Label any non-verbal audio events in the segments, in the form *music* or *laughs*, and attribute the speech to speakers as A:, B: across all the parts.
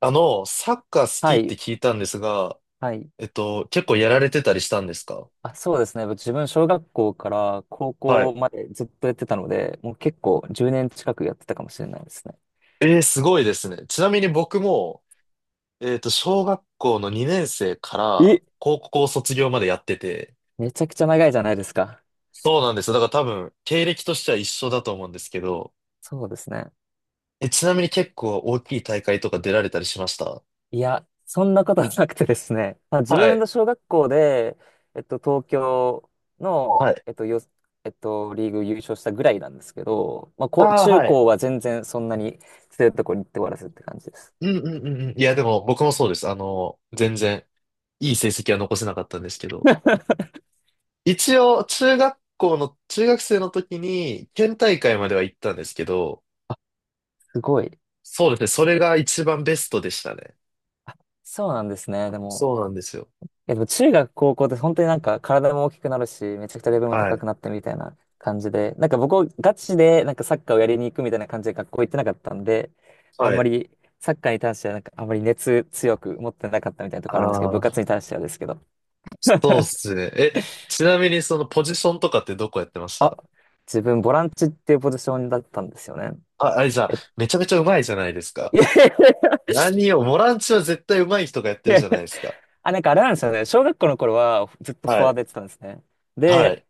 A: あの、サッカー好き
B: は
A: って
B: い、
A: 聞いたんですが、
B: はい。
A: 結構やられてたりしたんですか？
B: あ、そうですね。自分、小学校から高
A: は
B: 校
A: い。
B: までずっとやってたので、もう結構10年近くやってたかもしれないですね。
A: すごいですね。ちなみに僕も、小学校の2年生から
B: え、
A: 高校卒業までやってて、
B: めちゃくちゃ長いじゃないですか。
A: そうなんですよ。だから多分、経歴としては一緒だと思うんですけど、
B: そうですね。
A: ちなみに結構大きい大会とか出られたりしました？
B: いや、そんなことはなくてですね。まあ、自
A: は
B: 分
A: い。
B: の小学校で、東京の、
A: はい。
B: えっと、よ、えっと、リーグ優勝したぐらいなんですけど、まあ、こう、
A: ああ、
B: 中
A: はい。
B: 高は全然そんなに強いところに行って終わらせるって感じです。
A: うんうんうんうん。いや、でも僕もそうです。あの、全然いい成績は残せなかったんですけど。一応、中学生の時に、県大会までは行ったんですけど、
B: すごい。
A: そうですね、そ
B: ち
A: れが一番ベストでしたね。
B: あ、そうなんですね。でも、
A: そうなんですよ。
B: でも中学、高校って本当になんか体も大きくなるし、めちゃくちゃレベルも
A: は
B: 高
A: い。
B: くなってみたいな感じで、なんか僕、ガチでなんかサッカーをやりに行くみたいな感じで学校行ってなかったんで、あん
A: は
B: ま
A: い。
B: りサッカーに対してはなんかあんまり熱強く持ってなかったみたいなとこあるんですけど、
A: あ
B: 部活
A: あ、
B: に対してはですけど、
A: そうっすね。ちなみにそのポジションとかってどこやってまし
B: あ、
A: た？
B: 自分ボランチっていうポジションだったんですよね。
A: あ、あれじゃあ、
B: え
A: めちゃめちゃ上手いじゃないですか。
B: いやいや *laughs* い
A: 何を、ボランチは絶対上手い人がやってる
B: やい
A: じ
B: やい
A: ゃな
B: や。
A: いですか。
B: あ、なんかあれなんですよね。小学校の頃はずっとフ
A: は
B: ォワー
A: い。
B: ドやってたんですね。
A: は
B: で、
A: い。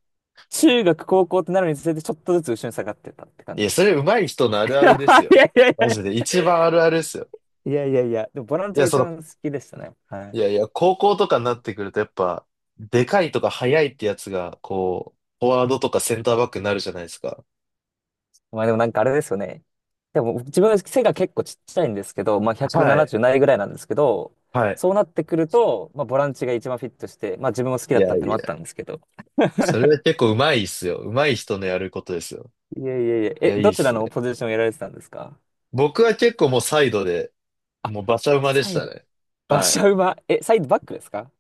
B: 中学、高校ってなるにつれてちょっとずつ後ろに下がってたって感
A: い
B: じ
A: や、
B: で
A: それ
B: す。
A: 上手い人のある
B: い
A: あるですよ。
B: やいやい
A: マジで、
B: や
A: 一番あるあるですよ。
B: いやいやいやいや、でもボラン
A: い
B: チ
A: や、
B: が
A: そ
B: 一
A: の
B: 番好きでしたね。は
A: い
B: い。
A: やいや、高校とかになってくるとやっぱ、でかいとか速いってやつが、こう、フォワードとかセンターバックになるじゃないですか。
B: まあでもなんかあれですよね。でも自分背が結構ちっちゃいんですけど、まあ
A: はい。
B: 170ななじゅうないぐらいなんですけど、
A: はい。
B: そうなってくると、まあボランチが一番フィットして、まあ自分も好き
A: い
B: だった
A: や
B: っ
A: い
B: てのもあっ
A: や、
B: たんですけど。
A: それは結構上手いっすよ。上手い人のやることですよ。
B: いやいやいや、
A: い
B: え、
A: や、いい
B: ど
A: っ
B: ちら
A: す
B: の
A: ね。
B: ポジションをやられてたんですか？
A: 僕は結構もうサイドで、
B: あ、
A: もう馬車馬で
B: サ
A: し
B: イ
A: た
B: ド、
A: ね。
B: 馬
A: はい。
B: 車馬、え、サイドバックですか？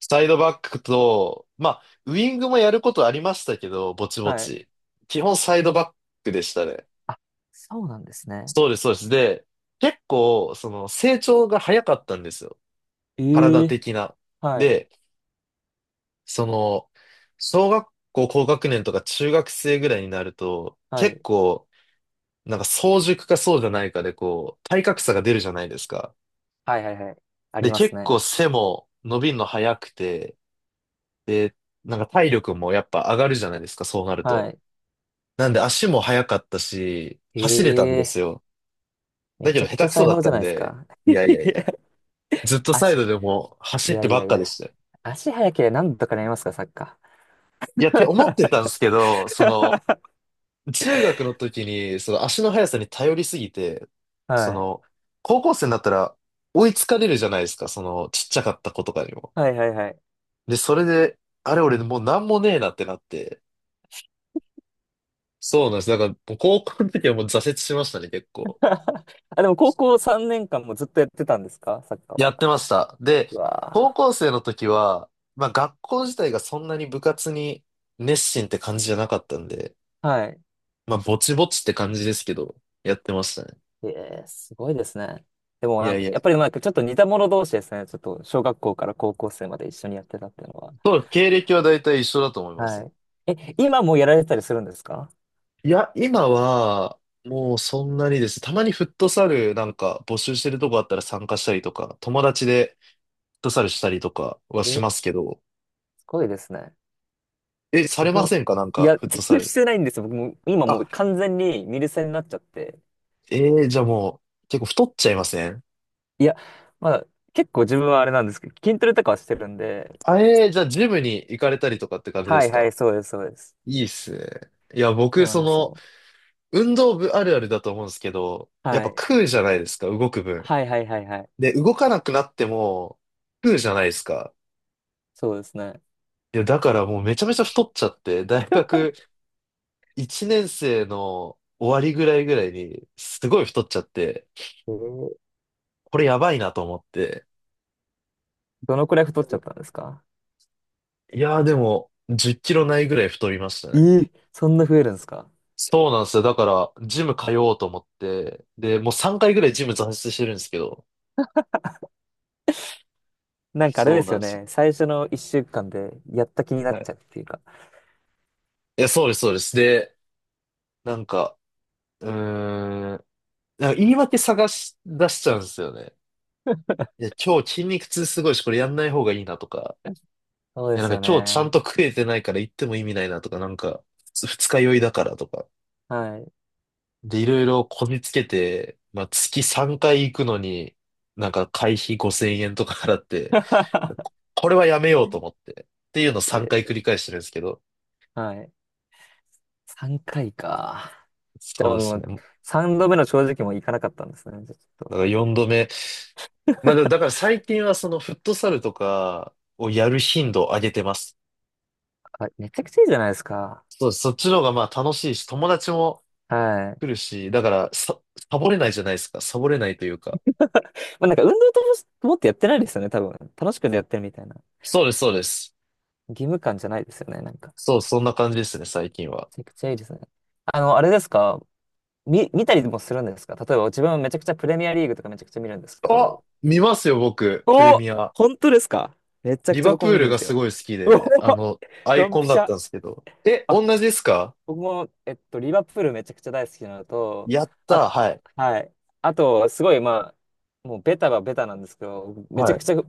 A: サイドバックと、まあ、ウィングもやることありましたけど、ぼちぼ
B: はい。
A: ち。基本サイドバックでしたね。
B: あ、そうなんですね。
A: そうです、そうです。で、結構、その、成長が早かったんですよ。
B: え
A: 体
B: え、
A: 的な。
B: はい、
A: で、その、小学校高学年とか中学生ぐらいになると、
B: は
A: 結
B: い、
A: 構、なんか早熟かそうじゃないかで、こう、体格差が出るじゃないですか。
B: はいはいはい。あり
A: で、
B: ます
A: 結
B: ね。
A: 構背も伸びるの早くて、で、なんか体力もやっぱ上がるじゃないですか、そうなる
B: は
A: と。
B: い。
A: なんで足も速かったし、走れたんで
B: え
A: す
B: え、
A: よ。
B: め
A: だけ
B: ち
A: ど
B: ゃ
A: 下
B: くち
A: 手
B: ゃ
A: くそ
B: 才
A: だっ
B: 能じ
A: た
B: ゃ
A: ん
B: ないです
A: で、
B: か。*laughs*
A: い
B: い
A: やいやいや、
B: や、
A: ずっとサ
B: 足、
A: イドでも
B: い
A: 走っ
B: や
A: て
B: い
A: ば
B: や
A: っ
B: い
A: かで
B: や。
A: したよ。
B: 足速ければ何とかなりますか、サッカ
A: いや、って思ってたんです
B: ー。
A: けど、その、
B: *laughs*
A: 中学の時に、その足の速さに頼りすぎて、そ
B: はい。
A: の、高校生になったら追いつかれるじゃないですか、その、ちっちゃかった子とかにも。
B: はいはいはい。
A: で、それで、あれ俺もうなんもねえなってなって、そうなんです。だから、もう高校の時はもう挫折しましたね、結構。
B: *laughs* あ、でも高校3年間もずっとやってたんですか、サッカー
A: や
B: は？
A: ってました。で、
B: う
A: 高
B: わ
A: 校生の時は、まあ学校自体がそんなに部活に熱心って感じじゃなかったんで、
B: ー。はい。
A: まあぼちぼちって感じですけど、やってましたね。
B: ええ、すごいですね。でも
A: い
B: なん
A: やい
B: か、
A: や、
B: やっぱりなんかちょっと似た者同士ですね。ちょっと小学校から高校生まで一緒にやってたっていうのは。
A: そう、経歴は大体一緒だと思います
B: は
A: ね。
B: い。え、今もやられてたりするんですか？
A: いや、今は、もうそんなにです。たまにフットサルなんか募集してるとこあったら参加したりとか、友達でフットサルしたりとかはし
B: え、
A: ますけど、
B: すごいですね。
A: さ
B: 自
A: れま
B: 分、
A: せんか？なん
B: い
A: か、
B: や、
A: フット
B: 全
A: サ
B: 然し
A: ル。
B: てないんですよ。僕も、今も
A: あ、
B: う完全にミルセになっちゃって。
A: えじゃあもう、結構太っちゃいません？
B: いや、まあ、結構自分はあれなんですけど、筋トレとかはしてるんで、
A: あ、じゃあジムに行かれたりとかって感じで
B: は
A: す
B: いは
A: か？
B: い、そうです、そうです。
A: いいっすね。いや、
B: そ
A: 僕、
B: うなん
A: そ
B: です
A: の、
B: よ。
A: 運動部あるあるだと思うんですけど、やっ
B: は
A: ぱ
B: い。
A: 食うじゃないですか、動く分。
B: はいはいはいはい。
A: で、動かなくなっても、食うじゃないですか。
B: そうですね。
A: いや、だからもうめちゃめちゃ太っちゃって、大学1年生の終わりぐらいに、すごい太っちゃって、
B: えー
A: これやばいなと思って。
B: どのくらい太っちゃったんですか？
A: いやーでも、10キロないぐらい太りました
B: え
A: ね。
B: ーそんな増えるんですか？
A: そうなんですよ。だから、ジム通おうと思って、で、もう3回ぐらいジム挫折してるんですけど、
B: なんかあれ
A: そ
B: で
A: う
B: す
A: な
B: よ
A: んですよ。
B: ね。最初の一週間でやった気になっ
A: は
B: ちゃ
A: い。
B: うっていうか。
A: いや、そうです、そうです。で、なんか、うーん、なんか言い訳探し出しちゃうんですよね。いや、今日筋肉痛すごいし、これやんない方がいいなとか、
B: *laughs* そうで
A: や、なん
B: す
A: か
B: よ
A: 今日ちゃん
B: ね。
A: と食えてないから行っても意味ないなとか、なんか、二日酔いだからとか。
B: はい。
A: で、いろいろこじつけて、まあ、月3回行くのに、なんか会費5000円とか払って、
B: *laughs*
A: これはやめようと思って、っていうのを
B: え
A: 3回繰
B: ー
A: り返してるんですけど。
B: はい。3回かいか。じゃ
A: そ
B: あ
A: うで
B: も
A: す
B: う、
A: ね。
B: 3度目の正直もいかなかったんですね。じゃあちょっ
A: だ
B: と。
A: から4度目。まあ、でもだから最近はそのフットサルとかをやる頻度を上げてます。
B: あ、*laughs* めちゃくちゃいいじゃないですか。
A: そう、そっちの方がまあ楽しいし、友達も
B: はい。
A: 来るし、だからサボれないじゃないですか。サボれないというか。
B: *laughs* まあなんか運動と思ってやってないですよね、多分。楽しくやってるみたいな。
A: そうです、そうです。
B: 義務感じゃないですよね、なんか。め
A: そう、そんな感じですね、最近は。
B: ちゃくちゃいいですね。あの、あれですか？見たりもするんですか？例えば自分はめちゃくちゃプレミアリーグとかめちゃくちゃ見るんですけ
A: あ、
B: ど。
A: 見ますよ、僕、プレ
B: お、
A: ミア。
B: 本当ですか？めちゃく
A: リ
B: ちゃ
A: バ
B: 僕
A: プ
B: も
A: ー
B: 見る
A: ル
B: ん
A: が
B: です
A: す
B: よ。
A: ごい好き
B: うお、
A: で、あの、アイ
B: ドン
A: コン
B: ピ
A: だ
B: シ
A: っ
B: ャ。
A: たんですけど。同
B: あ、
A: じですか？
B: 僕も、リバプールめちゃくちゃ大好きなのと、
A: やっ
B: あ、
A: たー、はい。
B: はい。あと、すごい、まあ、もうベタはベタなんですけど、めち
A: は
B: ゃく
A: い。
B: ちゃ、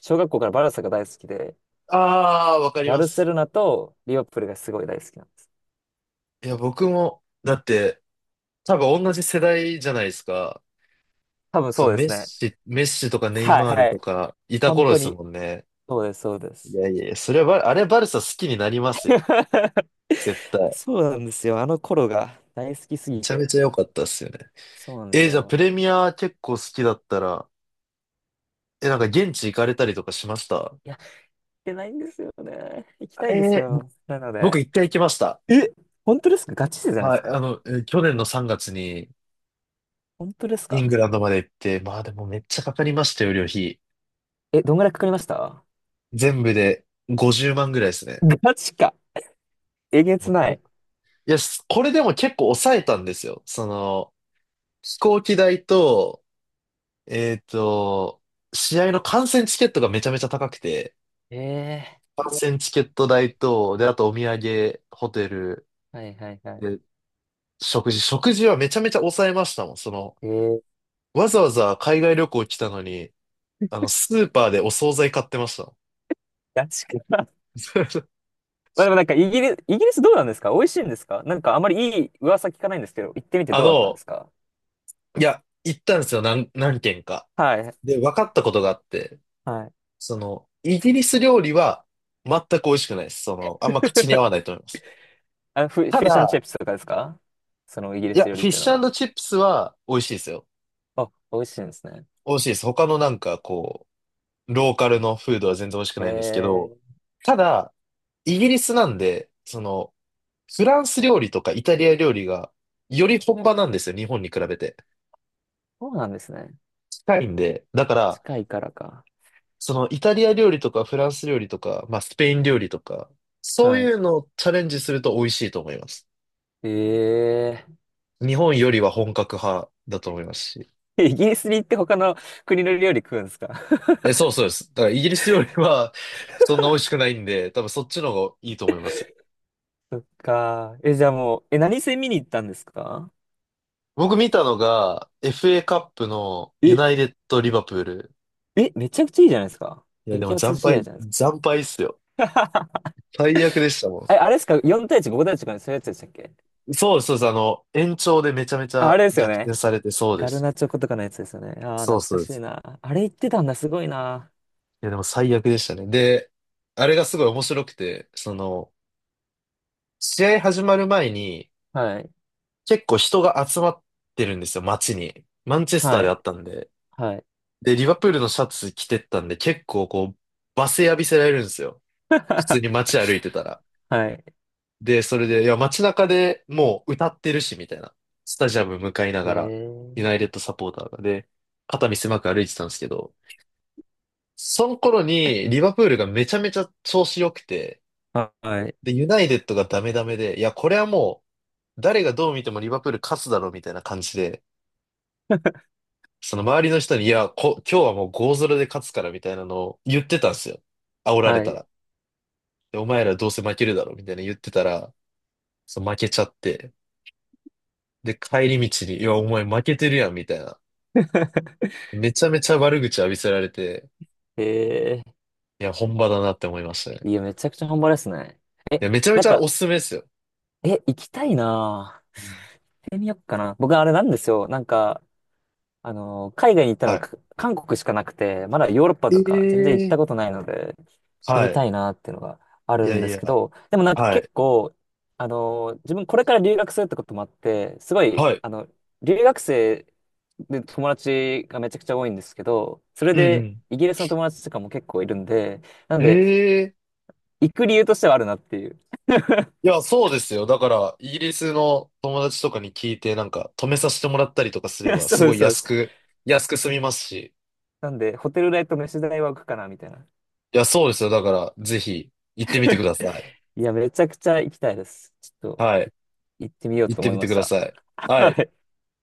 B: 小学校からバルサが大好きで、
A: あー、わかり
B: バ
A: ま
B: ルセ
A: す。
B: ロナとリバプールがすごい大好きなんです。
A: いや、僕も、だって、多分同じ世代じゃないですか。
B: 多分
A: そ
B: そ
A: の
B: うで
A: メッ
B: すね。
A: シ、メッシとかネイ
B: はい
A: マール
B: は
A: と
B: い。
A: か、いた
B: 本
A: 頃で
B: 当
A: す
B: に、
A: もんね。
B: そうです、そうで
A: い
B: す。
A: やいや、それはバ、あれバルサ好きになりますよ。
B: *laughs*
A: 絶対。
B: そうなんですよ。あの頃が大好きす
A: め
B: ぎ
A: ちゃ
B: て。
A: めちゃ良かったっすよね。
B: そうなんです
A: じゃあプ
B: よ。
A: レミア結構好きだったら、なんか現地行かれたりとかしました？
B: いや、行けないんですよね。行きたいんです
A: えー、ぼ
B: よ。なの
A: 僕
B: で。
A: 一回行きました。
B: え、本当ですか？ガチ勢じゃないで
A: は
B: す
A: い、あ
B: か？
A: の、去年の3月に
B: 本当です
A: イン
B: か？
A: グランドまで行って、まあでもめっちゃかかりましたよ、旅費。
B: え、どんぐらいかかりました？
A: 全部で50万ぐらいですね。
B: ガチか。えげ
A: も
B: つ
A: う
B: ない。
A: といや、すこれでも結構抑えたんですよ。その、飛行機代と、えっと、試合の観戦チケットがめちゃめちゃ高くて、
B: ええ
A: 観戦チケット代と、で、あとお土産、ホテル、
B: ー、はいはいはい。
A: で、食事はめちゃめちゃ抑えましたもん。その、
B: えー、
A: わざわざ海外旅行来たのに、あの、スーパーでお惣菜買ってました。
B: ガチか。*laughs* ま
A: *laughs*
B: あでもなんかイギリスどうなんですか？美味しいんですか？なんかあまりいい噂聞かないんですけど、行ってみて
A: あ
B: どうだったんで
A: の、
B: すか？
A: いや、行ったんですよ、何軒か。
B: はい、
A: で、分かったことがあって、
B: はい。
A: その、イギリス料理は全く美味しくないです。その、あんま口に合わない
B: *laughs*
A: と思います。
B: あの、フ
A: た
B: ィッシュンチッ
A: だ、
B: プスとかですか？そのイギリ
A: い
B: ス
A: や、
B: 料理っ
A: フィッ
B: ていう
A: シ
B: のは。
A: ュチップスは美味しいですよ。
B: あ、美味しいんですね。
A: 美味しいです。他のなんかこう、ローカルのフードは全然美味しく
B: へ
A: ないんですけど、
B: え、
A: ただ、イギリスなんで、その、フランス料理とかイタリア料理がより本場なんですよ、日本に比べて。
B: そうなんですね。
A: 近いんで。だから、
B: 近いからか。
A: そのイタリア料理とかフランス料理とか、まあスペイン料理とか、そう
B: はい。
A: いうのをチャレンジすると美味しいと思います。
B: え
A: 日本よりは本格派だと思いますし。
B: え、*laughs* イギリスに行って他の国の料理食うんですか？
A: そうそうです。だからイギリス料理は *laughs* そんな美味しくないんで、多分そっちの方がいいと思います。
B: そっか。え、じゃあもう、え、何戦見に行ったんですか？
A: 僕見たのが FA カップのユ
B: え、
A: ナイテッドリバプール。
B: え、めちゃくちゃいいじゃないですか。
A: いやで
B: 激
A: も
B: アツ
A: 惨
B: 試合
A: 敗、
B: じゃないですか。
A: 惨敗っすよ。
B: *laughs*
A: 最悪でしたも
B: え、
A: ん。
B: あれですか ?4 対1、5対1とかそういうやつでしたっけ？
A: そうです、そうです。あの、延長でめちゃめち
B: あ、あ
A: ゃ
B: れですよ
A: 逆転
B: ね。
A: されて、そうで
B: ガル
A: す。
B: ナチョコとかのやつですよね。ああ、
A: そう
B: 懐
A: そ
B: か
A: うで
B: しい
A: す。
B: な。あれ言ってたんだ、すごいな。
A: いや、でも最悪でしたね。で、あれがすごい面白くて、その、試合始まる前に、
B: はい。
A: 結構人が集まってるんですよ、街に。マンチェスター
B: は
A: であ
B: い。
A: ったんで。
B: はい。
A: で、リバプールのシャツ着てったんで、結構こう、罵声浴びせられるんですよ。普通に
B: *laughs*
A: 街歩いてたら。
B: はい。
A: で、それで、いや、街中でもう歌ってるし、みたいな。スタジアム向かいな
B: え
A: がら、
B: ー。
A: ユナイテッドサポーターがで、肩身狭く歩いてたんですけど、その頃にリバプールがめちゃめちゃ調子良くて、
B: はい。
A: で、ユナイテッドがダメダメで、いや、これはもう、誰がどう見てもリバプール勝つだろうみたいな感じで、その周りの人に、いや、今日はもう5ロで勝つからみたいなのを言ってたんですよ。煽られ
B: は
A: た
B: い。
A: ら。で、お前らどうせ負けるだろうみたいな言ってたら、そう負けちゃって、で、帰り道に、いや、お前負けてるやんみたいな。
B: *laughs*
A: めちゃめちゃ悪口浴びせられて、
B: え
A: いや、本場だなって思いましたね。
B: ー。いや、めちゃくちゃ半端ですね。え、
A: いや、めちゃめ
B: な
A: ち
B: ん
A: ゃお
B: か、
A: すすめですよ。
B: え、行きたいなぁ。
A: う
B: 行
A: ん。
B: ってみよっかな。僕、あれなんですよ。なんか、あの、海外に行ったのは
A: は
B: 韓国しかなくて、まだヨーロッパと
A: い。
B: か全然行った
A: え
B: こと
A: え、
B: ないので、行って
A: は
B: みた
A: い。
B: いなっていうのがあ
A: い
B: る
A: や
B: んで
A: い
B: すけ
A: や、
B: ど、でもなんか
A: は
B: 結
A: い、
B: 構、あの、自分これから留学するってこともあって、すごい、
A: はい。
B: あの、留学生で友達がめちゃくちゃ多いんですけど、それ
A: うんう
B: で
A: ん。
B: イギリスの友達とかも結構いるんで、なん
A: え
B: で、
A: え、
B: 行く理由としてはあるなっていう。
A: いや、そうですよ。だから、イギリスの友達とかに聞いて、なんか、止めさせてもらったりとかす
B: *laughs* い
A: れ
B: や、
A: ば、
B: そう
A: すご
B: で
A: い
B: すそうで
A: 安
B: す。
A: く、安く済みますし。
B: なんで、ホテル代と飯代は浮くかな、みたいな。
A: いや、そうですよ。だから、ぜひ、行ってみてください。
B: いや、めちゃくちゃ行きたいです。ちょっと。
A: はい。
B: 行ってみよう
A: 行っ
B: と
A: て
B: 思い
A: み
B: ま
A: てく
B: し
A: だ
B: た。
A: さい。
B: *laughs*
A: は
B: は
A: い。
B: い。